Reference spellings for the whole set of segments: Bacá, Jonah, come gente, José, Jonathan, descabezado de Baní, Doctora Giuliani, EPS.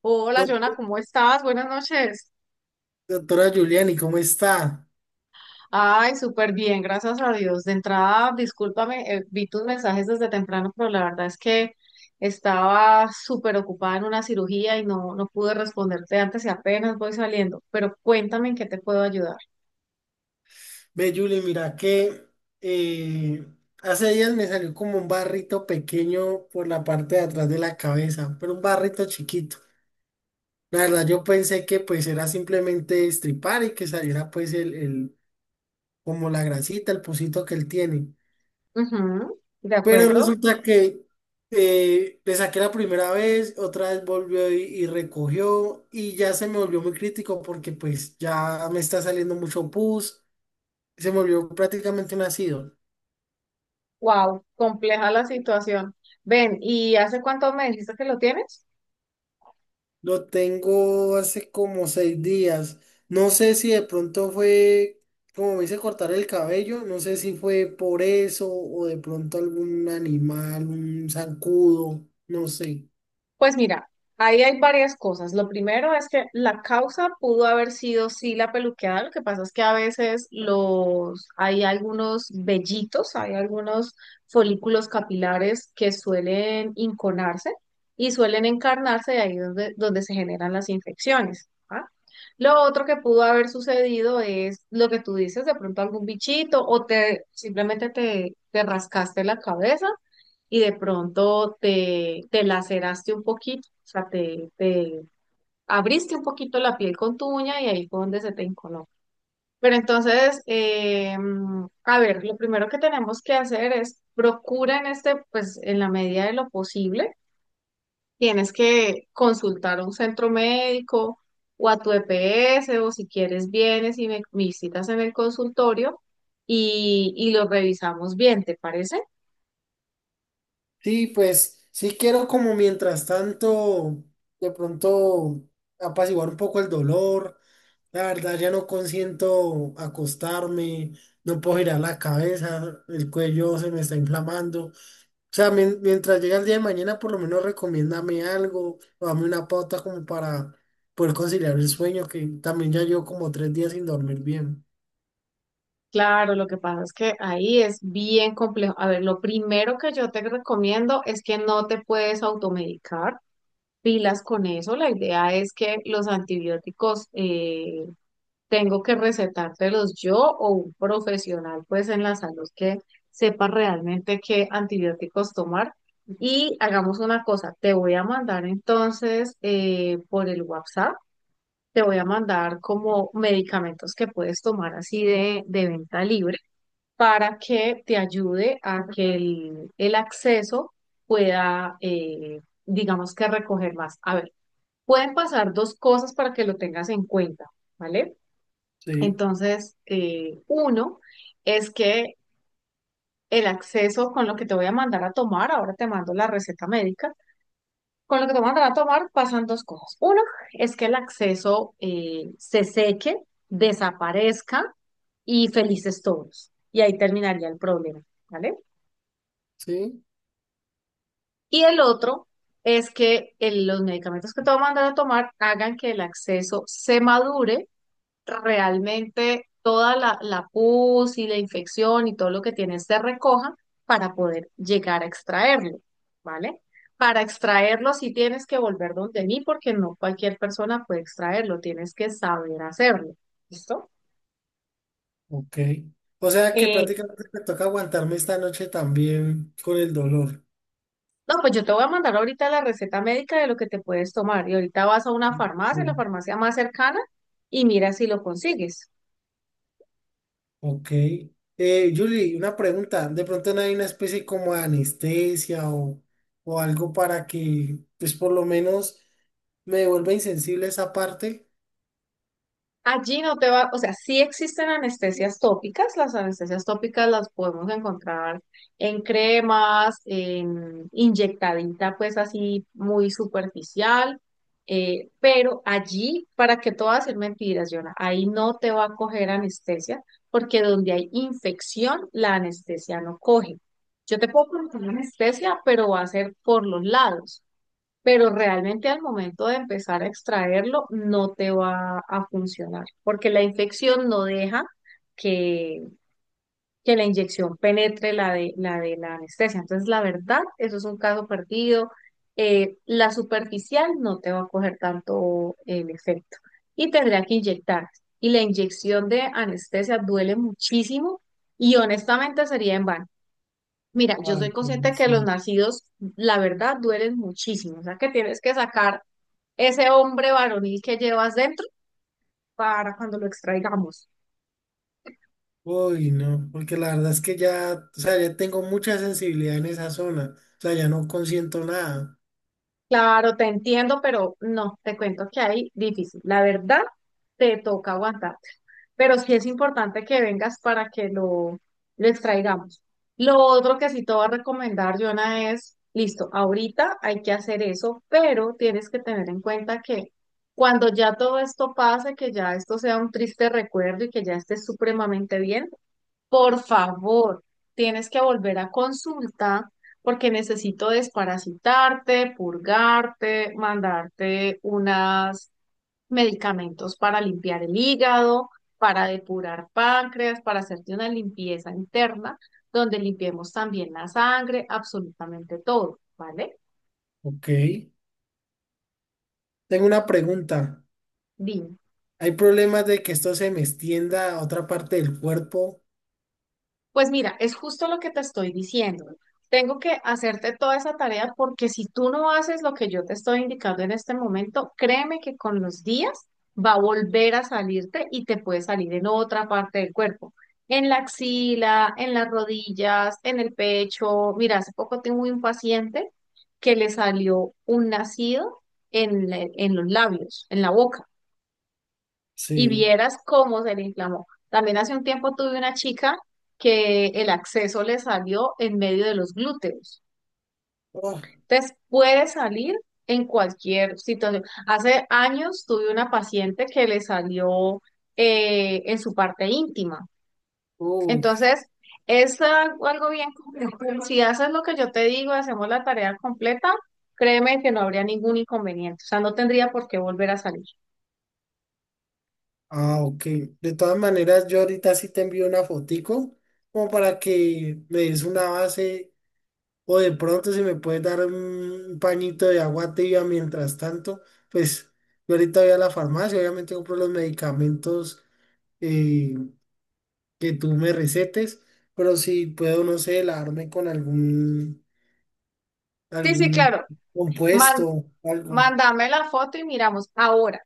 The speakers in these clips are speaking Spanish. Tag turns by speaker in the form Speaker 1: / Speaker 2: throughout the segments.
Speaker 1: Hola,
Speaker 2: Doc-
Speaker 1: Jonah, ¿cómo estás? Buenas noches.
Speaker 2: Doctora Giuliani, ¿cómo está?
Speaker 1: Ay, súper bien, gracias a Dios. De entrada, discúlpame, vi tus mensajes desde temprano, pero la verdad es que estaba súper ocupada en una cirugía y no pude responderte antes y apenas voy saliendo. Pero cuéntame en qué te puedo ayudar.
Speaker 2: Ve, Julie, mira que eh, hace días me salió como un barrito pequeño por la parte de atrás de la cabeza, pero un barrito chiquito. La verdad, yo pensé que pues era simplemente estripar y que saliera pues como la grasita, el pusito que él tiene.
Speaker 1: Ujú, ¿de
Speaker 2: Pero
Speaker 1: acuerdo?
Speaker 2: resulta que le saqué la primera vez, otra vez volvió y recogió y ya se me volvió muy crítico porque pues ya me está saliendo mucho pus. Se me volvió prácticamente un ácido.
Speaker 1: Wow, compleja la situación. Ven, ¿y hace cuánto me dijiste que lo tienes?
Speaker 2: Lo tengo hace como 6 días. No sé si de pronto fue, como me hice cortar el cabello, no sé si fue por eso o de pronto algún animal, un zancudo, no sé.
Speaker 1: Pues mira, ahí hay varias cosas. Lo primero es que la causa pudo haber sido sí la peluqueada. Lo que pasa es que a veces los hay algunos vellitos, hay algunos folículos capilares que suelen inconarse y suelen encarnarse de ahí donde se generan las infecciones. ¿Ah? Lo otro que pudo haber sucedido es lo que tú dices, de pronto algún bichito o te simplemente te rascaste la cabeza y de pronto te laceraste un poquito, o sea, te abriste un poquito la piel con tu uña y ahí fue donde se te encoló. Pero entonces, a ver, lo primero que tenemos que hacer es procura en este, pues en la medida de lo posible, tienes que consultar a un centro médico o a tu EPS o si quieres vienes y me visitas en el consultorio y lo revisamos bien, ¿te parece?
Speaker 2: Sí, pues sí quiero como mientras tanto, de pronto apaciguar un poco el dolor. La verdad ya no consiento acostarme, no puedo girar la cabeza, el cuello se me está inflamando. O sea, mientras llega el día de mañana, por lo menos recomiéndame algo o dame una pauta como para poder conciliar el sueño, que también ya llevo como 3 días sin dormir bien.
Speaker 1: Claro, lo que pasa es que ahí es bien complejo. A ver, lo primero que yo te recomiendo es que no te puedes automedicar. Pilas con eso. La idea es que los antibióticos tengo que recetártelos yo o un profesional, pues en la salud que sepa realmente qué antibióticos tomar. Y hagamos una cosa, te voy a mandar entonces por el WhatsApp, te voy a mandar como medicamentos que puedes tomar así de venta libre para que te ayude a que el acceso pueda, digamos que recoger más. A ver, pueden pasar dos cosas para que lo tengas en cuenta, ¿vale?
Speaker 2: Sí,
Speaker 1: Entonces, uno es que el acceso con lo que te voy a mandar a tomar, ahora te mando la receta médica, con lo que te voy a mandar a tomar pasan dos cosas. Uno es que el acceso se seque, desaparezca y felices todos. Y ahí terminaría el problema, ¿vale?
Speaker 2: sí,
Speaker 1: Y el otro es que los medicamentos que te va a mandar a tomar hagan que el acceso se madure realmente toda la pus y la infección y todo lo que tiene se recoja para poder llegar a extraerlo, ¿vale? Para extraerlo sí tienes que volver donde mí porque no cualquier persona puede extraerlo, tienes que saber hacerlo, ¿listo?
Speaker 2: ok. O sea que
Speaker 1: Eh,
Speaker 2: prácticamente me toca aguantarme esta noche también con el dolor.
Speaker 1: No, pues yo te voy a mandar ahorita la receta médica de lo que te puedes tomar y ahorita vas a una farmacia, la
Speaker 2: Mm.
Speaker 1: farmacia más cercana, y mira si lo consigues.
Speaker 2: Ok. Julie, una pregunta. ¿De pronto no hay una especie como de anestesia o algo para que, pues por lo menos me vuelva insensible esa parte?
Speaker 1: Allí no te va, o sea, sí existen anestesias tópicas las podemos encontrar en cremas, en inyectadita, pues así muy superficial, pero allí, para que todo hacer mentiras, Yona, ahí no te va a coger anestesia, porque donde hay infección, la anestesia no coge. Yo te puedo poner una anestesia, pero va a ser por los lados pero realmente al momento de empezar a extraerlo no te va a funcionar, porque la infección no deja que, que la inyección penetre la de la anestesia. Entonces, la verdad, eso es un caso perdido. La superficial no te va a coger tanto el efecto y tendría que inyectar. Y la inyección de anestesia duele muchísimo y honestamente sería en vano. Mira, yo soy
Speaker 2: Ay,
Speaker 1: consciente
Speaker 2: pues
Speaker 1: que los
Speaker 2: sí.
Speaker 1: nacidos, la verdad, duelen muchísimo. O sea, que tienes que sacar ese hombre varonil que llevas dentro para cuando lo extraigamos.
Speaker 2: Uy, no, porque la verdad es que ya, o sea, ya tengo mucha sensibilidad en esa zona, o sea, ya no consiento nada.
Speaker 1: Claro, te entiendo, pero no, te cuento que ahí difícil. La verdad, te toca aguantar, pero sí es importante que vengas para que lo extraigamos. Lo otro que sí te voy a recomendar, Jonah, es, listo, ahorita hay que hacer eso, pero tienes que tener en cuenta que cuando ya todo esto pase, que ya esto sea un triste recuerdo y que ya estés supremamente bien, por favor, tienes que volver a consulta porque necesito desparasitarte, purgarte, mandarte unos medicamentos para limpiar el hígado, para depurar páncreas, para hacerte una limpieza interna, donde limpiemos también la sangre, absolutamente todo, ¿vale?
Speaker 2: Ok. Tengo una pregunta.
Speaker 1: Dime.
Speaker 2: ¿Hay problemas de que esto se me extienda a otra parte del cuerpo?
Speaker 1: Pues mira, es justo lo que te estoy diciendo. Tengo que hacerte toda esa tarea porque si tú no haces lo que yo te estoy indicando en este momento, créeme que con los días va a volver a salirte y te puede salir en otra parte del cuerpo, en la axila, en las rodillas, en el pecho. Mira, hace poco tengo un paciente que le salió un nacido en, en los labios, en la boca y
Speaker 2: Sí.
Speaker 1: vieras cómo se le inflamó. También hace un tiempo tuve una chica que el acceso le salió en medio de los glúteos.
Speaker 2: Oh,
Speaker 1: Entonces, puede salir en cualquier situación. Hace años tuve una paciente que le salió en su parte íntima.
Speaker 2: uf.
Speaker 1: Entonces, es algo bien complejo. Si haces lo que yo te digo, hacemos la tarea completa, créeme que no habría ningún inconveniente. O sea, no tendría por qué volver a salir.
Speaker 2: Ah, ok. De todas maneras, yo ahorita sí te envío una fotico como para que me des una base. O de pronto si me puedes dar un pañito de agua tibia mientras tanto, pues yo ahorita voy a la farmacia, obviamente compro los medicamentos eh, que tú me recetes, pero si puedo, no sé, lavarme con
Speaker 1: Sí, sí,
Speaker 2: algún
Speaker 1: claro. Más
Speaker 2: compuesto, algo.
Speaker 1: Mándame la foto y miramos. Ahora,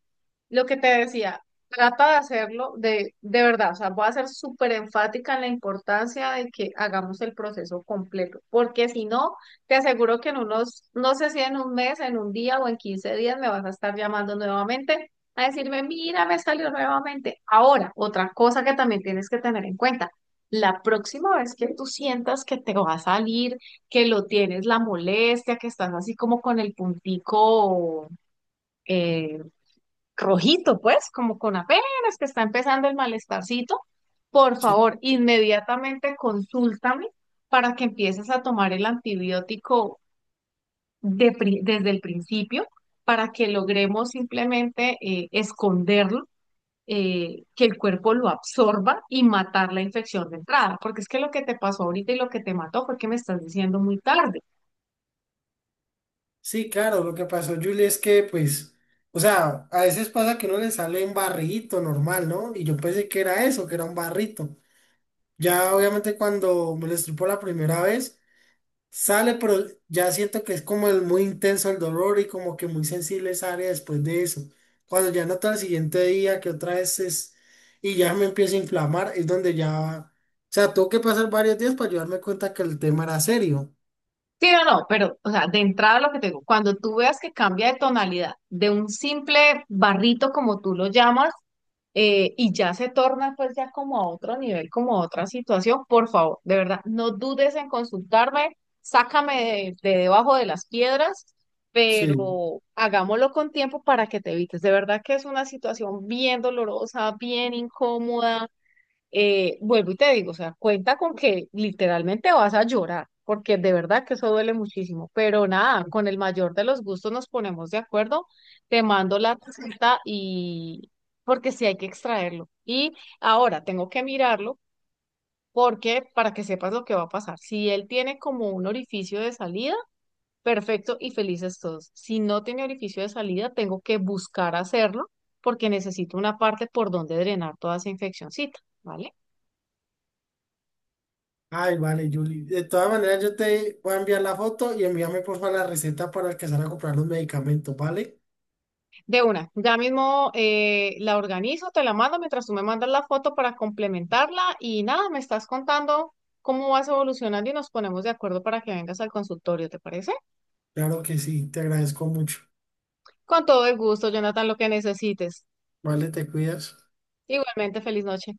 Speaker 1: lo que te decía, trata de hacerlo de verdad, o sea, voy a ser súper enfática en la importancia de que hagamos el proceso completo, porque si no, te aseguro que en unos, no sé si en un mes, en un día o en 15 días me vas a estar llamando nuevamente a decirme, mira, me salió nuevamente. Ahora, otra cosa que también tienes que tener en cuenta. La próxima vez que tú sientas que te va a salir, que lo tienes la molestia, que estás así como con el puntico eh, rojito, pues, como con apenas que está empezando el malestarcito, por
Speaker 2: Sí,
Speaker 1: favor, inmediatamente consúltame para que empieces a tomar el antibiótico desde el principio, para que logremos simplemente esconderlo, que el cuerpo lo absorba y matar la infección de entrada, porque es que lo que te pasó ahorita y lo que te mató fue que me estás diciendo muy tarde.
Speaker 2: sí, claro, lo que pasó, Julie, es que pues, o sea, a veces pasa que uno le sale un barrito normal, ¿no? Y yo pensé que era eso, que era un barrito. Ya obviamente cuando me lo estripó la primera vez, sale, pero ya siento que es como el muy intenso el dolor y como que muy sensible esa área después de eso. Cuando ya noto el siguiente día que otra vez es y ya me empiezo a inflamar, es donde ya, o sea, tuvo que pasar varios días para yo darme cuenta que el tema era serio.
Speaker 1: Sí, no, pero, o sea, de entrada lo que te digo, cuando tú veas que cambia de tonalidad de un simple barrito, como tú lo llamas, y ya se torna pues ya como a otro nivel, como a otra situación, por favor, de verdad, no dudes en consultarme, sácame de debajo de las piedras,
Speaker 2: Sí.
Speaker 1: pero hagámoslo con tiempo para que te evites. De verdad que es una situación bien dolorosa, bien incómoda vuelvo y te digo, o sea, cuenta con que literalmente vas a llorar, porque de verdad que eso duele muchísimo, pero nada, con el mayor de los gustos nos ponemos de acuerdo, te mando la receta y porque sí hay que extraerlo. Y ahora tengo que mirarlo porque para que sepas lo que va a pasar. Si él tiene como un orificio de salida, perfecto y felices todos. Si no tiene orificio de salida, tengo que buscar hacerlo porque necesito una parte por donde drenar toda esa infeccióncita, ¿vale?
Speaker 2: Ay, vale, Julie. De todas maneras, yo te voy a enviar la foto y envíame por favor la receta para alcanzar a comprar los medicamentos, ¿vale?
Speaker 1: De una, ya mismo la organizo, te la mando mientras tú me mandas la foto para complementarla y nada, me estás contando cómo vas evolucionando y nos ponemos de acuerdo para que vengas al consultorio, ¿te parece?
Speaker 2: Claro que sí, te agradezco mucho.
Speaker 1: Con todo el gusto, Jonathan, lo que necesites.
Speaker 2: Vale, te cuidas.
Speaker 1: Igualmente, feliz noche.